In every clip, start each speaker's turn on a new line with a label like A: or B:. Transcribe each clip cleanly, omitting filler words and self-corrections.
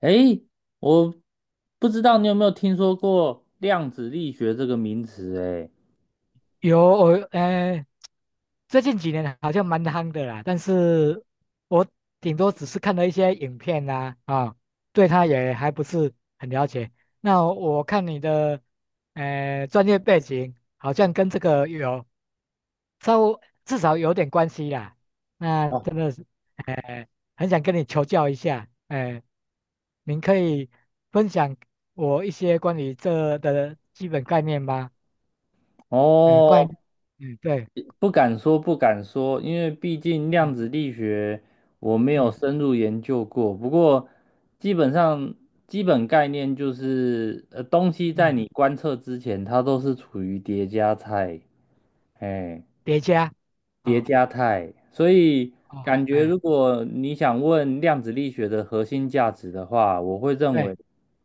A: 诶，我不知道你有没有听说过量子力学这个名词？诶，
B: 有我最近几年好像蛮夯的啦，但是我顶多只是看了一些影片啦，啊，对他也还不是很了解。那我看你的专业背景好像跟这个有稍微至少有点关系啦，那
A: 哦，
B: 真的是呃很想跟你求教一下，您可以分享我一些关于这的基本概念吗？嗯，怪，
A: 哦，
B: 嗯，对，
A: 不敢说，不敢说，因为毕竟量
B: 嗯
A: 子力学我没有
B: 嗯
A: 深入研究过。不过，基本上基本概念就是，东西在
B: 嗯，
A: 你观测之前，它都是处于叠加态。哎。
B: 叠加，
A: 叠
B: 哦
A: 加态，所以
B: 哦，
A: 感觉
B: 哎，
A: 如果你想问量子力学的核心价值的话，我会认
B: 对，
A: 为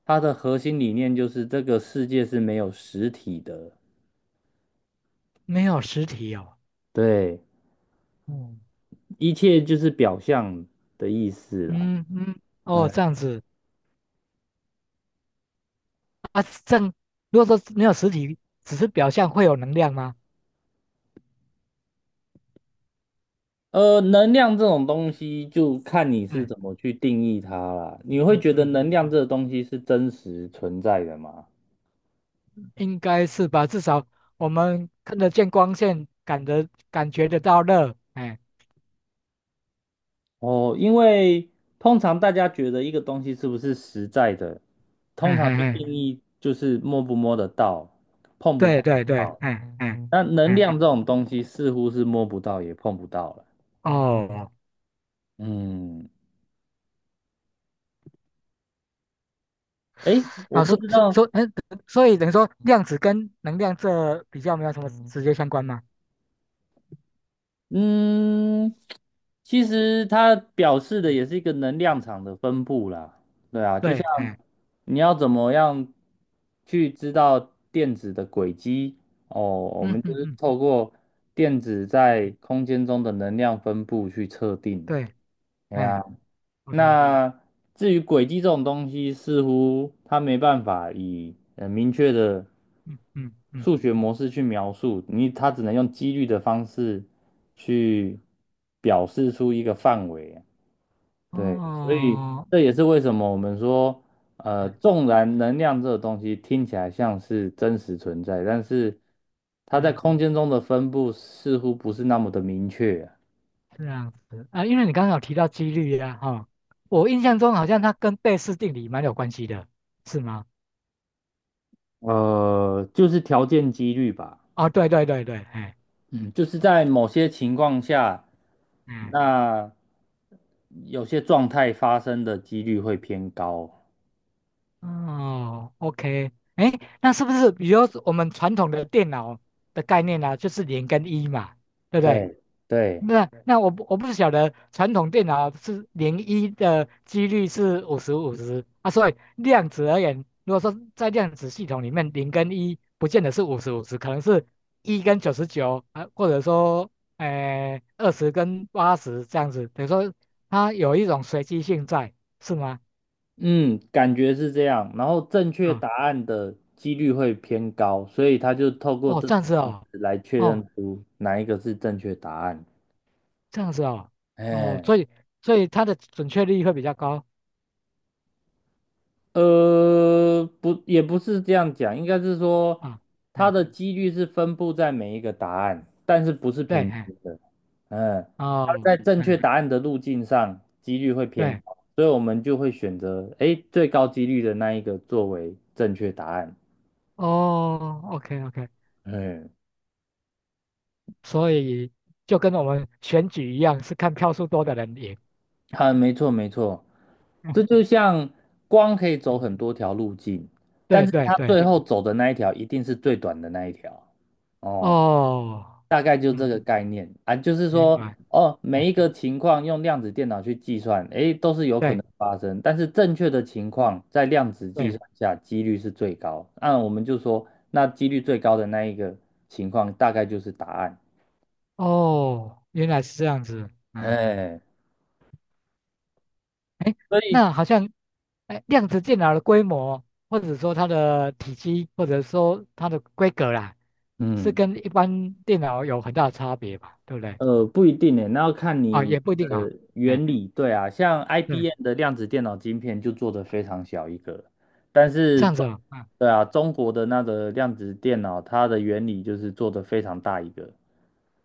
A: 它的核心理念就是这个世界是没有实体的，
B: 没有实体哦，
A: 对，
B: 嗯
A: 一切就是表象的意思啦。
B: 嗯嗯，哦，
A: 嗯，
B: 这样子啊，正如果说没有实体，只是表象会有能量吗？
A: 能量这种东西就看你是
B: 哎，
A: 怎么去定义它啦。
B: 嗯
A: 你会
B: 嗯
A: 觉得
B: 嗯
A: 能
B: 嗯，
A: 量这个东西是真实存在的吗？
B: 应该是吧，至少我们看得见光线，感觉得到热，哎，
A: 哦，因为通常大家觉得一个东西是不是实在的，
B: 哎
A: 通常
B: 哎
A: 的定
B: 哎，
A: 义就是摸不摸得到，碰不
B: 对
A: 碰得
B: 对对，
A: 到。
B: 哎哎
A: 那能
B: 哎，
A: 量这种东西似乎是摸不到也碰不到了。
B: 哦。
A: 嗯，诶，我
B: 好，
A: 不
B: 所
A: 知
B: 所
A: 道。
B: 所，嗯，所以等于说量子跟能量这比较没有什么直接相关吗？
A: 嗯，其实它表示的
B: 嗯，
A: 也是一个能量场的分布啦，对啊，就
B: 对，
A: 像
B: 哎，
A: 你要怎么样去知道电子的轨迹哦，我
B: 嗯
A: 们就
B: 嗯
A: 是
B: 嗯，
A: 透过电子在空间中的能量分布去测定。
B: 对，
A: 哎
B: 哎
A: 呀。
B: ，OK，
A: 那至于轨迹这种东西，似乎它没办法以明确的
B: 嗯嗯嗯，
A: 数学模式去描述，你它只能用几率的方式去表示出一个范围啊。对，所以
B: 哦，
A: 这也是为什么我们说，
B: 嗯，
A: 纵然能量这个东西听起来像是真实存在，但是它在
B: 嗯
A: 空间中的分布似乎不是那么的明确啊。
B: 这样子啊，因为你刚刚有提到几率呀、哈、我印象中好像它跟贝氏定理蛮有关系的，是吗？
A: 就是条件几率吧。
B: 哦，对对对对，哎，
A: 嗯，就是在某些情况下，
B: 哎，
A: 那有些状态发生的几率会偏高。
B: 哦，OK，哎，那是不是比如说我们传统的电脑的概念呢、啊就是零跟一嘛，对不对？
A: 嘿，对，
B: 那我不是晓得传统电脑是零一的几率是五十五十啊，所以量子而言，如果说在量子系统里面，零跟一不见得是五十五十，可能是一跟九十九啊，或者说二十跟八十这样子，等于说它有一种随机性在，是吗？
A: 嗯，感觉是这样。然后正确
B: 啊、
A: 答案的几率会偏高，所以他就透过
B: 哦，
A: 这
B: 这
A: 种
B: 样子
A: 方
B: 哦，
A: 式来确
B: 哦，
A: 认出哪一个是正确答案。
B: 这样子哦，哦，
A: 哎，
B: 所以它的准确率会比较高
A: 不，也不是这样讲，应该是说
B: 啊，
A: 它
B: 嗯，
A: 的几率是分布在每一个答案，但是不是
B: 对，
A: 平
B: 嗯
A: 均的。嗯，它
B: 哦，
A: 在正确
B: 嗯，
A: 答案的路径上，几率会偏
B: 对。
A: 高，所以我们就会选择诶最高几率的那一个作为正确答案。
B: 哦，OK OK，
A: 嗯，
B: 所以就跟我们选举一样，是看票数多的人赢。
A: 啊，没错没错，
B: 嗯
A: 这就像光可以走很
B: 嗯
A: 多条路径，但
B: 对
A: 是
B: 对
A: 它
B: 对，
A: 最后走的那一条一定是最短的那一条。哦。
B: 哦，
A: 大概就这个
B: 嗯，
A: 概念啊，就是
B: 明
A: 说，
B: 白。
A: 哦，每
B: 哎
A: 一个情况用量子电脑去计算，诶，都是有可
B: 对
A: 能发生，但是正确的情况在量子计算
B: 对，
A: 下几率是最高。那我们就说，那几率最高的那一个情况大概就是答案。
B: 哦，原来是这样子。嗯，
A: 哎，
B: 哎，
A: 所以，
B: 那好像，哎，量子电脑的规模，或者说它的体积，或者说它的规格啦，是
A: 嗯。
B: 跟一般电脑有很大的差别吧？对不对？
A: 不一定诶，那要看
B: 啊、
A: 你
B: 也不一定啊、
A: 的
B: 哎，
A: 原理。对啊，像
B: 对，
A: IBM 的量子电脑晶片就做得非常小一个，但是
B: 这样子
A: 中，
B: 啊、哦。
A: 对啊，中国的那个量子电脑，它的原理就是做得非常大一个。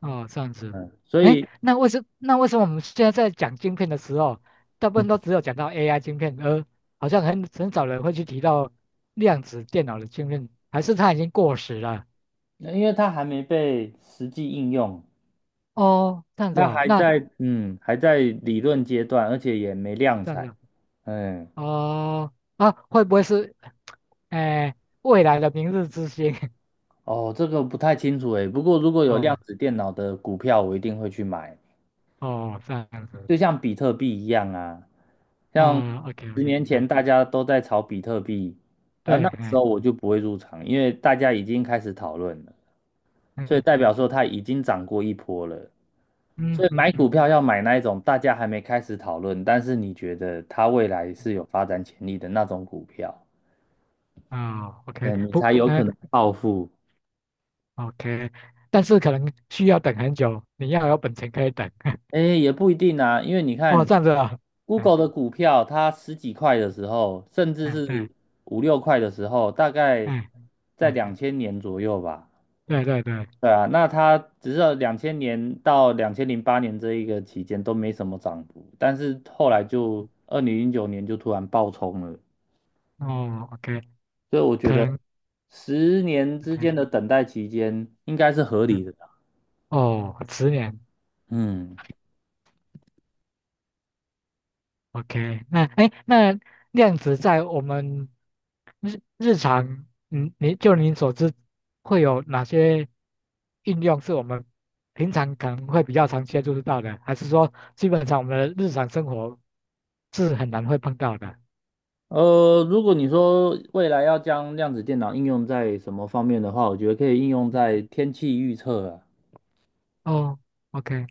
B: 哦，这样子。
A: 嗯，所
B: 哎，
A: 以
B: 那为什么我们现在在讲晶片的时候，大部
A: 嗯，
B: 分都只有讲到 AI 晶片，而好像很少人会去提到量子电脑的晶片，还是它已经过时了？
A: 因为它还没被实际应用，
B: 哦，这样子
A: 它
B: 哦，
A: 还
B: 那
A: 在还在理论阶段，而且也没量
B: 这
A: 产。
B: 样子
A: 嗯，
B: 哦，啊，会不会是，哎，未来的明日之星？
A: 哦，这个不太清楚诶，不过如果有量
B: 哦
A: 子电脑的股票，我一定会去买。
B: 哦，这样子
A: 就像比特币一样啊，像
B: 啊，OK
A: 十
B: OK，
A: 年前
B: 嗯，
A: 大家都在炒比特币，那
B: 对，
A: 时候我就不会入场，因为大家已经开始讨论了，
B: 嗯
A: 所以
B: 嗯
A: 代表说
B: 嗯
A: 它已经涨过一波了。
B: 嗯
A: 所以
B: 嗯
A: 买
B: 嗯，
A: 股票要买那一种大家还没开始讨论，但是你觉得它未来是有发展潜力的那种股票，
B: 哦，OK，
A: 嗯，你
B: 不，
A: 才有可
B: 哎、
A: 能暴富。
B: OK，但是可能需要等很久，你要有本钱可以等。
A: 哎，也不一定啊，因为你
B: 哦，
A: 看
B: 这样子啊，嗯
A: ，Google 的股票，它十几块的时候，甚至
B: 嗯对，
A: 是5、6块的时候，大概
B: 嗯
A: 在
B: 嗯
A: 两千年左右吧。
B: 对对对，
A: 对啊，那它只是2000年到2008年这一个期间都没什么涨幅，但是后来就2009年就突然暴冲了，
B: 哦，OK，
A: 所以我觉
B: 可
A: 得
B: 能
A: 十年之
B: OK
A: 间的等待期间应该是合
B: 是
A: 理的啦。
B: 哦，十年
A: 嗯，
B: OK，那哎那量子在我们日常，嗯，你就你所知，会有哪些应用是我们平常可能会比较常接触到的，还是说基本上我们的日常生活是很难会碰到的？
A: 如果你说未来要将量子电脑应用在什么方面的话，我觉得可以应用在天气预测啊，
B: 哦，OK，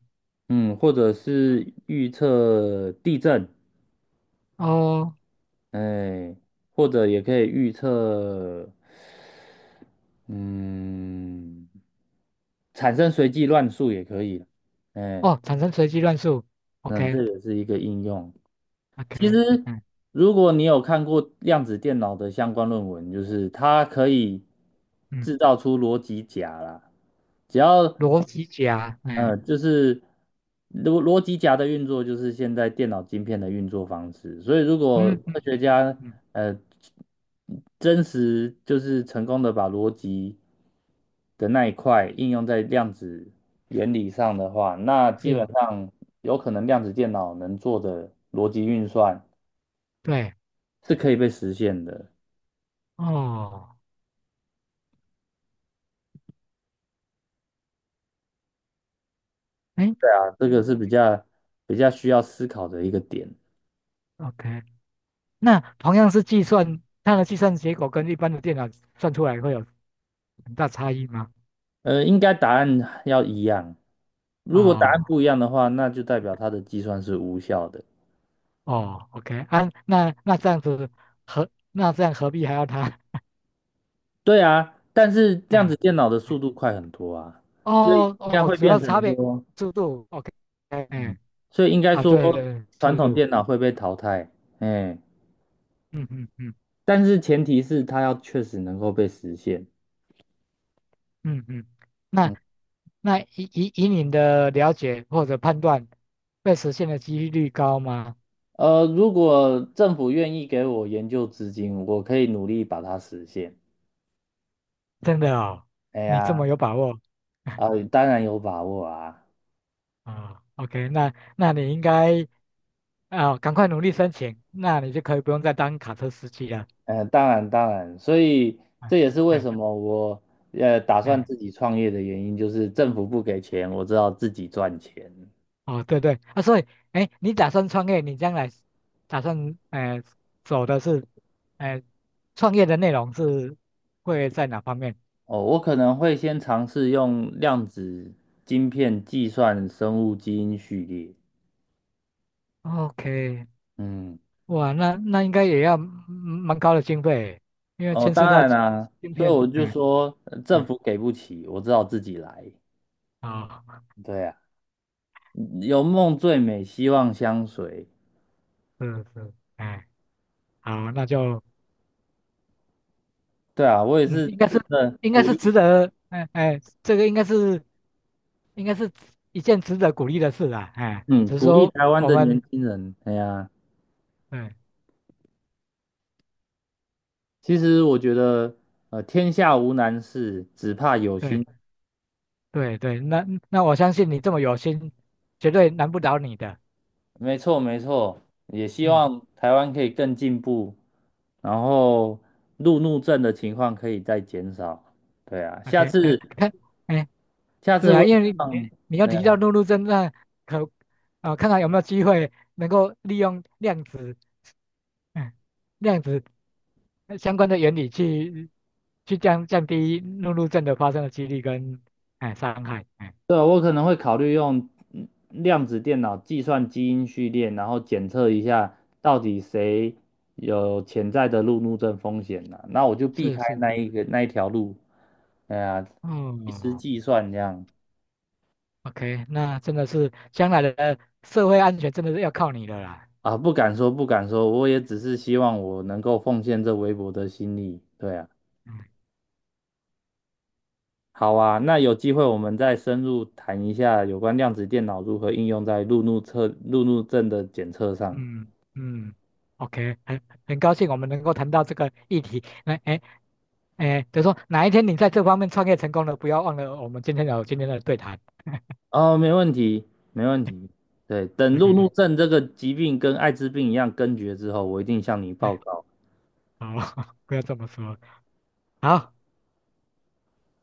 A: 嗯，或者是预测地震，
B: 哦
A: 哎，或者也可以预测，嗯，产生随机乱数也可以，哎，
B: 哦，产生随机乱数
A: 嗯，
B: ，OK
A: 这也是一个应用。其
B: OK，
A: 实，
B: 嗯
A: 如果你有看过量子电脑的相关论文，就是它可以
B: 嗯，
A: 制造出逻辑闸啦。只要，
B: 逻辑甲，嗯
A: 就是逻辑闸的运作，就是现在电脑晶片的运作方式。所以，如果
B: 嗯
A: 科
B: 嗯
A: 学
B: 嗯，
A: 家
B: 嗯
A: 呃真实就是成功的把逻辑的那一块应用在量子原理上的话，那基
B: 是，
A: 本上有可能量子电脑能做的逻辑运算。
B: 对，
A: 是可以被实现的
B: 哦，哎
A: 啊，这个是比较比较需要思考的一个点。
B: ，OK，那同样是计算，它的计算结果跟一般的电脑算出来会有很大差异吗？
A: 应该答案要一样，如果答案
B: 哦
A: 不一样的话，那就代表它的计算是无效的。
B: 哦，OK，啊，那这样子何这样何必还要它？
A: 对啊，但是量子
B: 嗯，
A: 电脑的速度快很多啊，所以应
B: 哦
A: 该
B: 哦，
A: 会
B: 主
A: 变
B: 要差
A: 成
B: 别
A: 说，
B: 速度，OK，哎
A: 嗯，
B: 哎
A: 所以应该
B: 啊，对对，
A: 说
B: 对
A: 传
B: 速
A: 统
B: 度。
A: 电脑会被淘汰，哎，
B: 嗯嗯嗯
A: 但是前提是它要确实能够被实现。
B: 嗯嗯，那
A: 嗯，
B: 那以你的了解或者判断，被实现的几率高吗？
A: 如果政府愿意给我研究资金，我可以努力把它实现。
B: 真的哦，
A: 哎
B: 你这么
A: 呀。
B: 有把握？
A: 啊，当然有把握啊，
B: 啊、o k 那你应该啊、赶快努力申请，那你就可以不用再当卡车司机了。
A: 当然当然，所以
B: 嗯
A: 这也是为
B: 嗯
A: 什么我打算
B: 嗯，
A: 自己创业的原因，就是政府不给钱，我知道自己赚钱。
B: 哦，对对啊，所以哎，你打算创业，你将来打算走的是呃创业的内容是会在哪方面
A: 哦，我可能会先尝试用量子晶片计算生物基因序列。
B: ？OK，
A: 嗯，
B: 哇，那应该也要嗯蛮高的经费，因为
A: 哦，
B: 牵
A: 当
B: 涉到
A: 然啦、
B: 芯
A: 所以
B: 片，
A: 我就
B: 嗯
A: 说，政
B: 嗯，
A: 府给不起，我只好自己来。
B: 好，
A: 对啊，有梦最美，希望相随。
B: 是是，哎，好，那就
A: 对啊，我也
B: 嗯，
A: 是
B: 应该
A: 真
B: 是
A: 的
B: 应该
A: 鼓
B: 是值
A: 励。
B: 得，哎哎，应该是一件值得鼓励的事啦，哎，
A: 嗯，
B: 只是
A: 鼓励
B: 说
A: 台湾
B: 我
A: 的年
B: 们，
A: 轻人。哎呀，
B: 嗯，
A: 其实我觉得，天下无难事，只怕有心。
B: 对对对，那我相信你这么有心，绝对难不倒你的，
A: 没错，没错。也希
B: 嗯
A: 望台湾可以更进步，然后路怒症的情况可以再减少。对啊，下
B: ，OK，哎，
A: 次，
B: 看，哎
A: 下次
B: 对
A: 我
B: 啊，
A: 也对。
B: 因为你
A: 望，
B: 你要提到陆路侦那可啊、看看有没有机会能够利用量子，嗯，量子相关的原理去降低陆路怒症的发生的几率跟哎伤害，哎，
A: 对啊，我可能会考虑用量子电脑计算基因序列，然后检测一下到底谁有潜在的路怒症风险呢？那我就避
B: 是
A: 开
B: 是
A: 那
B: 是，
A: 一个那一条路。哎呀，一时
B: 哦
A: 计算这样
B: o k 那真的是将来的社会安全真的是要靠你了啦，
A: 啊，不敢说不敢说，我也只是希望我能够奉献这微薄的心力。对啊，
B: 嗯。
A: 好啊，那有机会我们再深入谈一下有关量子电脑如何应用在路怒症的检测上。
B: 嗯嗯，OK，很高兴我们能够谈到这个议题。那哎哎，就说哪一天你在这方面创业成功了，不要忘了我们今天有今天的对谈。
A: 哦，没问题，没问题。对，等路怒
B: OK，
A: 症这个疾病跟艾滋病一样根绝之后，我一定向你报
B: 哎，
A: 告。
B: 好，不要这么说。好。